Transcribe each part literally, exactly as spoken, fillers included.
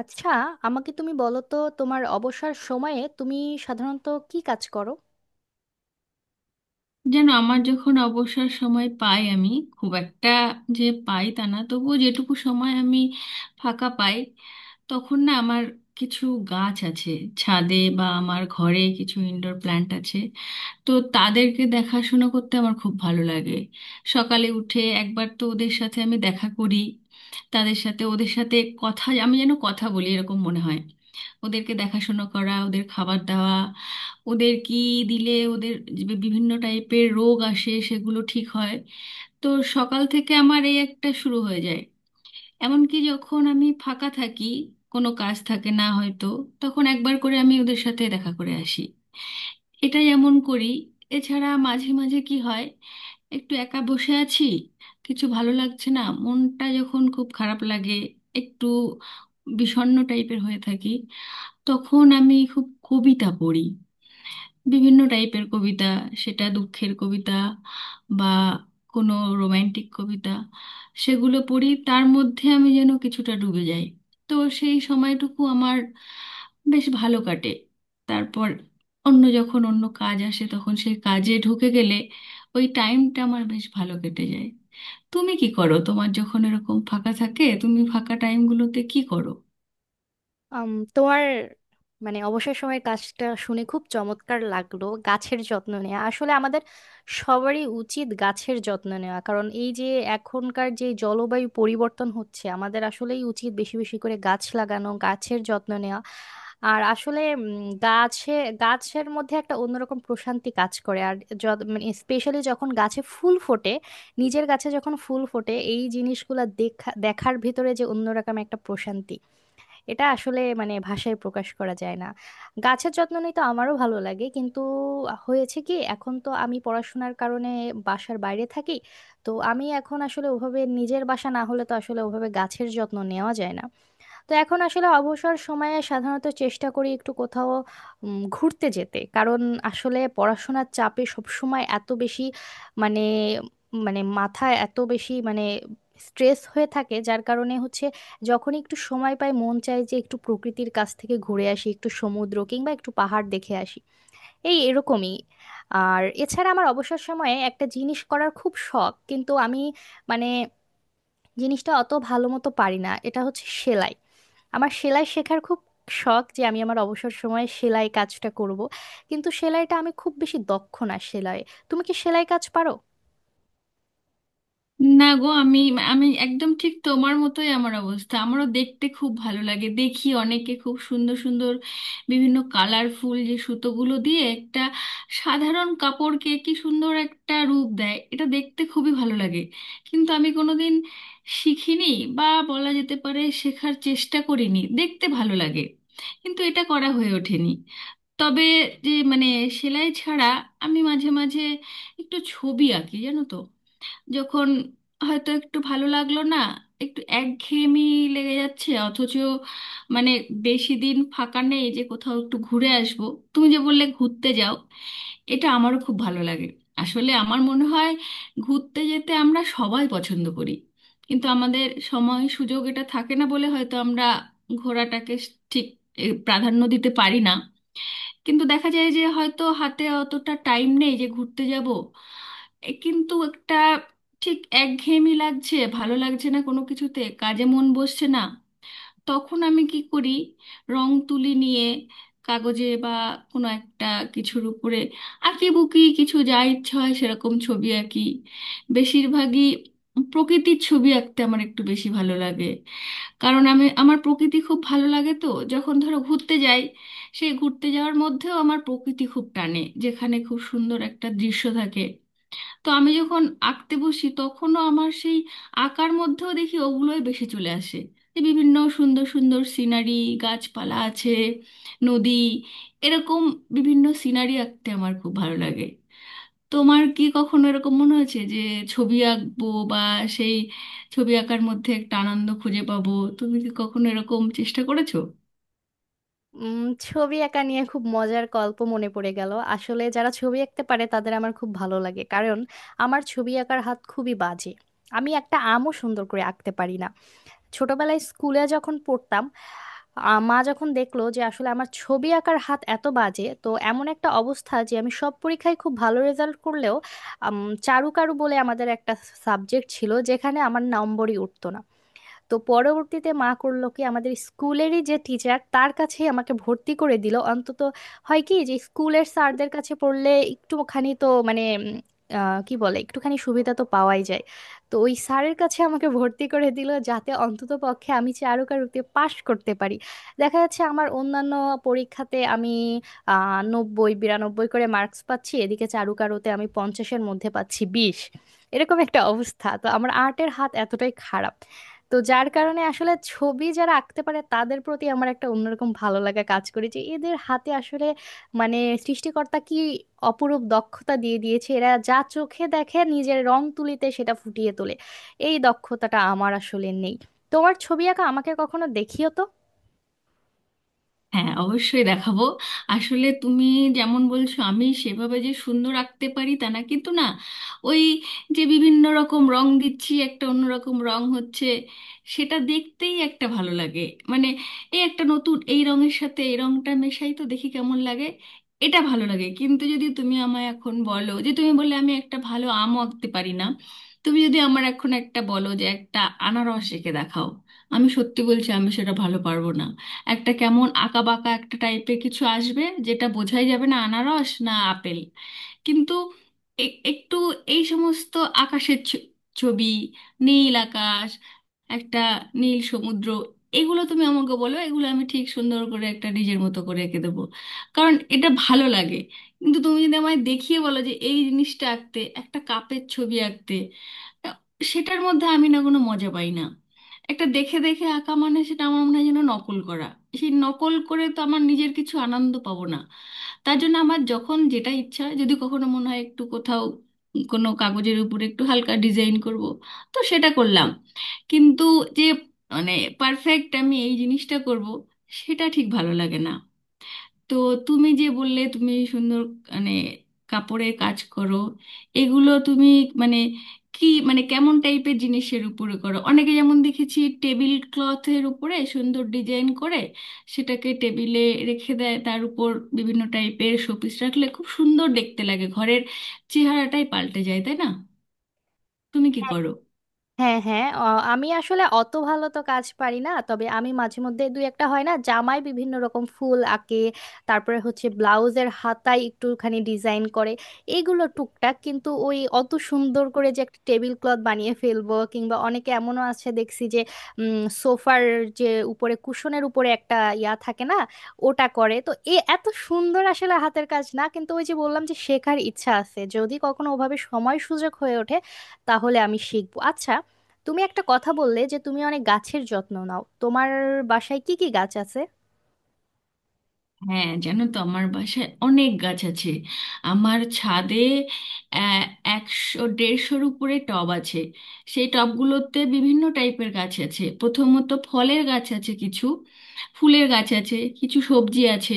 আচ্ছা, আমাকে তুমি বলো তো তোমার অবসর সময়ে তুমি সাধারণত কি কাজ করো? যেন আমার যখন অবসর সময় পাই আমি খুব একটা যে পাই তা না, তবুও যেটুকু সময় আমি ফাঁকা পাই তখন না আমার কিছু গাছ আছে, ছাদে বা আমার ঘরে কিছু ইনডোর প্ল্যান্ট আছে। তো তাদেরকে দেখাশোনা করতে আমার খুব ভালো লাগে। সকালে উঠে একবার তো ওদের সাথে আমি দেখা করি, তাদের সাথে ওদের সাথে কথা আমি যেন কথা বলি এরকম মনে হয়। ওদেরকে দেখাশুনো করা, ওদের খাবার দেওয়া, ওদের কি দিলে ওদের যে বিভিন্ন টাইপের রোগ আসে সেগুলো ঠিক হয়। তো সকাল থেকে আমার এই একটা শুরু হয়ে যায়। এমনকি যখন আমি ফাঁকা থাকি, কোনো কাজ থাকে না হয়তো, তখন একবার করে আমি ওদের সাথে দেখা করে আসি, এটা এমন করি। এছাড়া মাঝে মাঝে কি হয়, একটু একা বসে আছি, কিছু ভালো লাগছে না, মনটা যখন খুব খারাপ লাগে, একটু বিষণ্ণ টাইপের হয়ে থাকি, তখন আমি খুব কবিতা পড়ি। বিভিন্ন টাইপের কবিতা, সেটা দুঃখের কবিতা বা কোনো রোমান্টিক কবিতা, সেগুলো পড়ি, তার মধ্যে আমি যেন কিছুটা ডুবে যাই। তো সেই সময়টুকু আমার বেশ ভালো কাটে। তারপর অন্য যখন অন্য কাজ আসে তখন সেই কাজে ঢুকে গেলে ওই টাইমটা আমার বেশ ভালো কেটে যায়। তুমি কি করো, তোমার যখন এরকম ফাঁকা থাকে তুমি ফাঁকা টাইমগুলোতে কি করো? আম, তোমার মানে অবসর সময়ের কাজটা শুনে খুব চমৎকার লাগলো। গাছের যত্ন নেওয়া আসলে আমাদের সবারই উচিত গাছের যত্ন নেওয়া, কারণ এই যে এখনকার যে জলবায়ু পরিবর্তন হচ্ছে, আমাদের আসলেই উচিত বেশি বেশি করে গাছ লাগানো, গাছের যত্ন নেওয়া। আর আসলে উম, গাছে গাছের মধ্যে একটা অন্যরকম প্রশান্তি কাজ করে। আর যত মানে স্পেশালি যখন গাছে ফুল ফোটে, নিজের গাছে যখন ফুল ফোটে, এই জিনিসগুলা দেখা দেখার ভিতরে যে অন্যরকম একটা প্রশান্তি, এটা আসলে মানে ভাষায় প্রকাশ করা যায় না। গাছের যত্ন নিতে আমারও ভালো লাগে, কিন্তু হয়েছে কি, এখন তো আমি পড়াশোনার কারণে বাসার বাইরে থাকি। তো আমি এখন আসলে ওভাবে, নিজের বাসা না হলে তো আসলে ওভাবে গাছের যত্ন নেওয়া যায় না। তো এখন আসলে অবসর সময়ে সাধারণত চেষ্টা করি একটু কোথাও উম, ঘুরতে যেতে, কারণ আসলে পড়াশোনার চাপে সবসময় এত বেশি মানে মানে মাথায় এত বেশি মানে স্ট্রেস হয়ে থাকে, যার কারণে হচ্ছে যখনই একটু সময় পাই মন চায় যে একটু প্রকৃতির কাছ থেকে ঘুরে আসি, একটু সমুদ্র কিংবা একটু পাহাড় দেখে আসি, এই এরকমই। আর এছাড়া আমার অবসর সময়ে একটা জিনিস করার খুব শখ, কিন্তু আমি মানে জিনিসটা অত ভালো মতো পারি না, এটা হচ্ছে সেলাই। আমার সেলাই শেখার খুব শখ যে আমি আমার অবসর সময়ে সেলাই কাজটা করব, কিন্তু সেলাইটা আমি খুব বেশি দক্ষ না সেলাই। তুমি কি সেলাই কাজ পারো? না গো, আমি আমি একদম ঠিক তোমার মতোই আমার অবস্থা। আমারও দেখতে খুব ভালো লাগে, দেখি অনেকে খুব সুন্দর সুন্দর বিভিন্ন কালারফুল যে সুতোগুলো দিয়ে একটা সাধারণ কাপড়কে কি সুন্দর একটা রূপ দেয়, এটা দেখতে খুবই ভালো লাগে। কিন্তু আমি কোনোদিন শিখিনি, বা বলা যেতে পারে শেখার চেষ্টা করিনি। দেখতে ভালো লাগে কিন্তু এটা করা হয়ে ওঠেনি। তবে যে মানে সেলাই ছাড়া আমি মাঝে মাঝে একটু ছবি আঁকি জানো তো। যখন হয়তো একটু ভালো লাগলো না, একটু একঘেয়েমি লেগে যাচ্ছে, অথচ মানে বেশি দিন ফাঁকা নেই যে কোথাও একটু ঘুরে আসবো। তুমি যে বললে ঘুরতে যাও, এটা আমারও খুব ভালো লাগে। আসলে আমার মনে হয় ঘুরতে যেতে আমরা সবাই পছন্দ করি, কিন্তু আমাদের সময় সুযোগ এটা থাকে না বলে হয়তো আমরা ঘোরাটাকে ঠিক এ, প্রাধান্য দিতে পারি না। কিন্তু দেখা যায় যে হয়তো হাতে অতটা টাইম নেই যে ঘুরতে যাব, এ কিন্তু একটা ঠিক একঘেয়েমি লাগছে, ভালো লাগছে না কোনো কিছুতে, কাজে মন বসছে না, তখন আমি কি করি, রং তুলি নিয়ে কাগজে বা কোনো একটা কিছুর উপরে আঁকিবুকি কিছু যা ইচ্ছে হয় সেরকম ছবি আঁকি। বেশিরভাগই প্রকৃতির ছবি আঁকতে আমার একটু বেশি ভালো লাগে, কারণ আমি আমার প্রকৃতি খুব ভালো লাগে তো। যখন ধরো ঘুরতে যাই, সেই ঘুরতে যাওয়ার মধ্যেও আমার প্রকৃতি খুব টানে, যেখানে খুব সুন্দর একটা দৃশ্য থাকে। তো আমি যখন আঁকতে বসি তখনও আমার সেই আঁকার মধ্যেও দেখি ওগুলোই বেশি চলে আসে, যে বিভিন্ন সুন্দর সুন্দর সিনারি, গাছপালা আছে, নদী, এরকম বিভিন্ন সিনারি আঁকতে আমার খুব ভালো লাগে। তোমার কি কখনো এরকম মনে হয়েছে যে ছবি আঁকবো বা সেই ছবি আঁকার মধ্যে একটা আনন্দ খুঁজে পাবো? তুমি কি কখনো এরকম চেষ্টা করেছো? উম, ছবি আঁকা নিয়ে খুব মজার গল্প মনে পড়ে গেল। আসলে যারা ছবি আঁকতে পারে তাদের আমার খুব ভালো লাগে, কারণ আমার ছবি আঁকার হাত খুবই বাজে। আমি একটা আমও সুন্দর করে আঁকতে পারি না। ছোটবেলায় স্কুলে যখন পড়তাম, আ- মা যখন দেখলো যে আসলে আমার ছবি আঁকার হাত এত বাজে, তো এমন একটা অবস্থা যে আমি সব পরীক্ষায় খুব ভালো রেজাল্ট করলেও আম, চারুকারু বলে আমাদের একটা সাবজেক্ট ছিল যেখানে আমার নম্বরই উঠতো না। তো পরবর্তীতে মা করলো কি, আমাদের স্কুলেরই যে টিচার তার কাছেই আমাকে ভর্তি করে দিল। অন্তত হয় কি, যে স্কুলের স্যারদের কাছে পড়লে একটুখানি তো মানে উম, আহ, কি বলে, একটুখানি সুবিধা তো পাওয়াই যায়। তো ওই স্যারের কাছে আমাকে ভর্তি করে দিল যাতে অন্তত পক্ষে আমি চারুকারুতে পাশ করতে পারি। দেখা যাচ্ছে আমার অন্যান্য পরীক্ষাতে আমি আহ নব্বই বিরানব্বই করে মার্কস পাচ্ছি, এদিকে চারুকারুতে আমি পঞ্চাশের মধ্যে পাচ্ছি বিশ, এরকম একটা অবস্থা। তো আমার আর্টের হাত এতটাই খারাপ, তো যার কারণে আসলে ছবি যারা আঁকতে পারে তাদের প্রতি আমার একটা অন্যরকম ভালো লাগা কাজ করে যে এদের হাতে আসলে মানে সৃষ্টিকর্তা কি অপরূপ দক্ষতা দিয়ে দিয়েছে, এরা যা চোখে দেখে নিজের রং তুলিতে সেটা ফুটিয়ে তোলে। এই দক্ষতাটা আমার আসলে নেই। তোমার ছবি আঁকা আমাকে কখনো দেখিও তো। হ্যাঁ, অবশ্যই দেখাবো। আসলে তুমি যেমন বলছো আমি সেভাবে যে সুন্দর আঁকতে পারি তা না, কিন্তু না ওই যে বিভিন্ন রকম রং দিচ্ছি, একটা অন্যরকম রং হচ্ছে, সেটা দেখতেই একটা ভালো লাগে। মানে এই একটা নতুন এই রঙের সাথে এই রংটা মেশাই তো দেখি কেমন লাগে, এটা ভালো লাগে। কিন্তু যদি তুমি আমায় এখন বলো, যে তুমি বললে আমি একটা ভালো আমও আঁকতে পারি না, তুমি যদি আমার এখন একটা বলো যে একটা আনারস এঁকে দেখাও, আমি সত্যি বলছি আমি সেটা ভালো পারবো না। একটা কেমন আঁকা বাঁকা একটা টাইপের কিছু আসবে যেটা বোঝাই যাবে না আনারস না আপেল। কিন্তু এ- একটু এই সমস্ত আকাশের ছ- ছবি, নীল আকাশ, একটা নীল সমুদ্র, এগুলো তুমি আমাকে বলো, এগুলো আমি ঠিক সুন্দর করে একটা নিজের মতো করে এঁকে দেবো, কারণ এটা ভালো লাগে। কিন্তু তুমি যদি আমায় দেখিয়ে বলো যে এই জিনিসটা আঁকতে, একটা কাপের ছবি আঁকতে, সেটার মধ্যে আমি না কোনো মজা পাই না। একটা দেখে দেখে আঁকা মানে সেটা আমার মনে হয় যেন নকল করা। সেই নকল করে তো আমার নিজের কিছু আনন্দ পাবো না। তার জন্য আমার যখন যেটা ইচ্ছা হয়, যদি কখনো মনে হয় একটু কোথাও কোনো কাগজের উপরে একটু হালকা ডিজাইন করব, তো সেটা করলাম। কিন্তু যে মানে পারফেক্ট আমি এই জিনিসটা করব, সেটা ঠিক ভালো লাগে না। তো তুমি যে বললে তুমি সুন্দর মানে কাপড়ের কাজ করো, এগুলো তুমি মানে কি মানে কেমন টাইপের জিনিসের উপরে করো? অনেকে যেমন দেখেছি টেবিল ক্লথের উপরে সুন্দর ডিজাইন করে সেটাকে টেবিলে রেখে দেয়, তার উপর বিভিন্ন টাইপের শোপিস রাখলে খুব সুন্দর দেখতে লাগে, ঘরের চেহারাটাই পাল্টে যায়, তাই না? তুমি কি করো? হ্যাঁ হ্যাঁ অ- আমি আসলে অত ভালো তো কাজ পারি না, তবে আমি মাঝে মধ্যে দুই একটা, হয় না, জামায় বিভিন্ন রকম ফুল আঁকে, তারপরে হচ্ছে ব্লাউজের হাতায় একটুখানি ডিজাইন করে, এগুলো টুকটাক। কিন্তু ওই অত সুন্দর করে যে একটা টেবিল ক্লথ বানিয়ে ফেলবো, কিংবা অনেকে এমনও আছে দেখছি যে সোফার যে উপরে কুশনের উপরে একটা ইয়া থাকে না, ওটা করে, তো এ এত সুন্দর আসলে হাতের কাজ না। কিন্তু ওই যে বললাম যে শেখার ইচ্ছা আছে, যদি কখনো ওভাবে সময় সুযোগ হয়ে ওঠে তাহলে আমি শিখবো। আচ্ছা, তুমি একটা কথা বললে যে তুমি অনেক গাছের যত্ন নাও, তোমার বাসায় কি কি গাছ আছে? হ্যাঁ, জানো তো আমার বাসায় অনেক গাছ আছে। আমার ছাদে আহ, একশো দেড়শোর উপরে টব আছে। সেই টবগুলোতে বিভিন্ন টাইপের গাছ আছে, প্রথমত ফলের গাছ আছে কিছু, ফুলের গাছ আছে কিছু, সবজি আছে।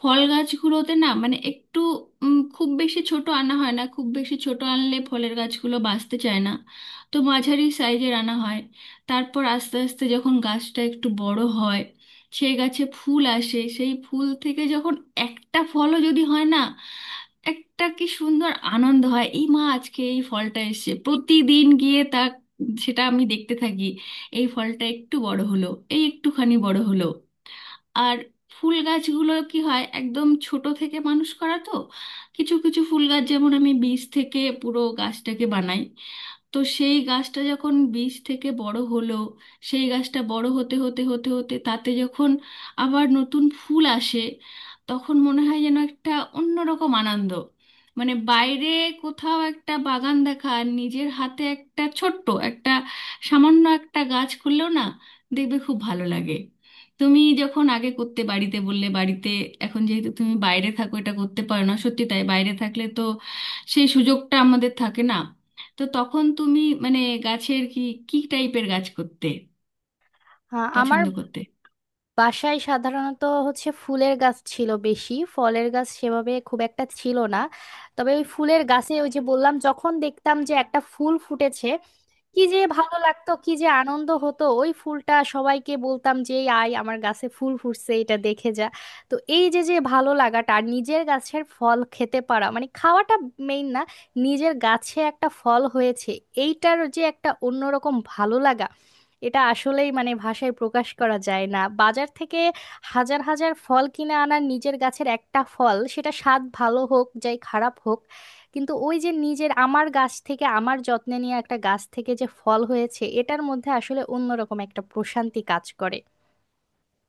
ফল গাছগুলোতে না মানে একটু উম, খুব বেশি ছোট আনা হয় না, খুব বেশি ছোট আনলে ফলের গাছগুলো বাঁচতে চায় না। তো মাঝারি সাইজের আনা হয়। তারপর আস্তে আস্তে যখন গাছটা একটু বড় হয়, সে গাছে ফুল আসে, সেই ফুল থেকে যখন একটা ফলও যদি হয় না, একটা কি সুন্দর আনন্দ হয়, এই মা আজকে এই ফলটা এসেছে, প্রতিদিন গিয়ে তা সেটা আমি দেখতে থাকি। এই ফলটা একটু বড় হলো, এই একটুখানি বড় হলো। আর ফুল গাছগুলো কি হয় একদম ছোট থেকে মানুষ করা তো। কিছু কিছু ফুল গাছ যেমন আমি বীজ থেকে পুরো গাছটাকে বানাই। তো সেই গাছটা যখন বীজ থেকে বড় হলো, সেই গাছটা বড় হতে হতে হতে হতে তাতে যখন আবার নতুন ফুল আসে, তখন মনে হয় যেন একটা অন্যরকম আনন্দ। মানে বাইরে কোথাও একটা বাগান দেখা আর নিজের হাতে একটা ছোট্ট একটা সামান্য একটা গাছ করলেও না, দেখবে খুব ভালো লাগে। তুমি যখন আগে করতে বাড়িতে, বললে বাড়িতে, এখন যেহেতু তুমি বাইরে থাকো এটা করতে পারো না, সত্যি তাই, বাইরে থাকলে তো সেই সুযোগটা আমাদের থাকে না। তো তখন তুমি মানে গাছের কি, কি টাইপের গাছ করতে হ্যাঁ, আমার পছন্দ করতে? বাসায় সাধারণত হচ্ছে ফুলের গাছ ছিল বেশি, ফলের গাছ সেভাবে খুব একটা ছিল না। তবে ওই ফুলের গাছে, ওই যে বললাম, যখন দেখতাম যে একটা ফুল ফুটেছে, কি যে ভালো লাগতো, কি যে আনন্দ হতো, ওই ফুলটা সবাইকে বলতাম যে "এই আয় আমার গাছে ফুল ফুটছে, এটা দেখে যা।" তো এই যে যে ভালো লাগাটা, আর নিজের গাছের ফল খেতে পারা, মানে খাওয়াটা মেইন না, নিজের গাছে একটা ফল হয়েছে এইটার যে একটা অন্যরকম ভালো লাগা, এটা আসলেই মানে ভাষায় প্রকাশ করা যায় না। বাজার থেকে হাজার হাজার ফল কিনে আনার, নিজের গাছের একটা ফল সেটা স্বাদ ভালো হোক যাই খারাপ হোক, কিন্তু ওই যে নিজের, আমার গাছ থেকে আমার যত্নে নিয়ে একটা গাছ থেকে যে ফল হয়েছে, এটার মধ্যে আসলে অন্যরকম একটা প্রশান্তি কাজ করে।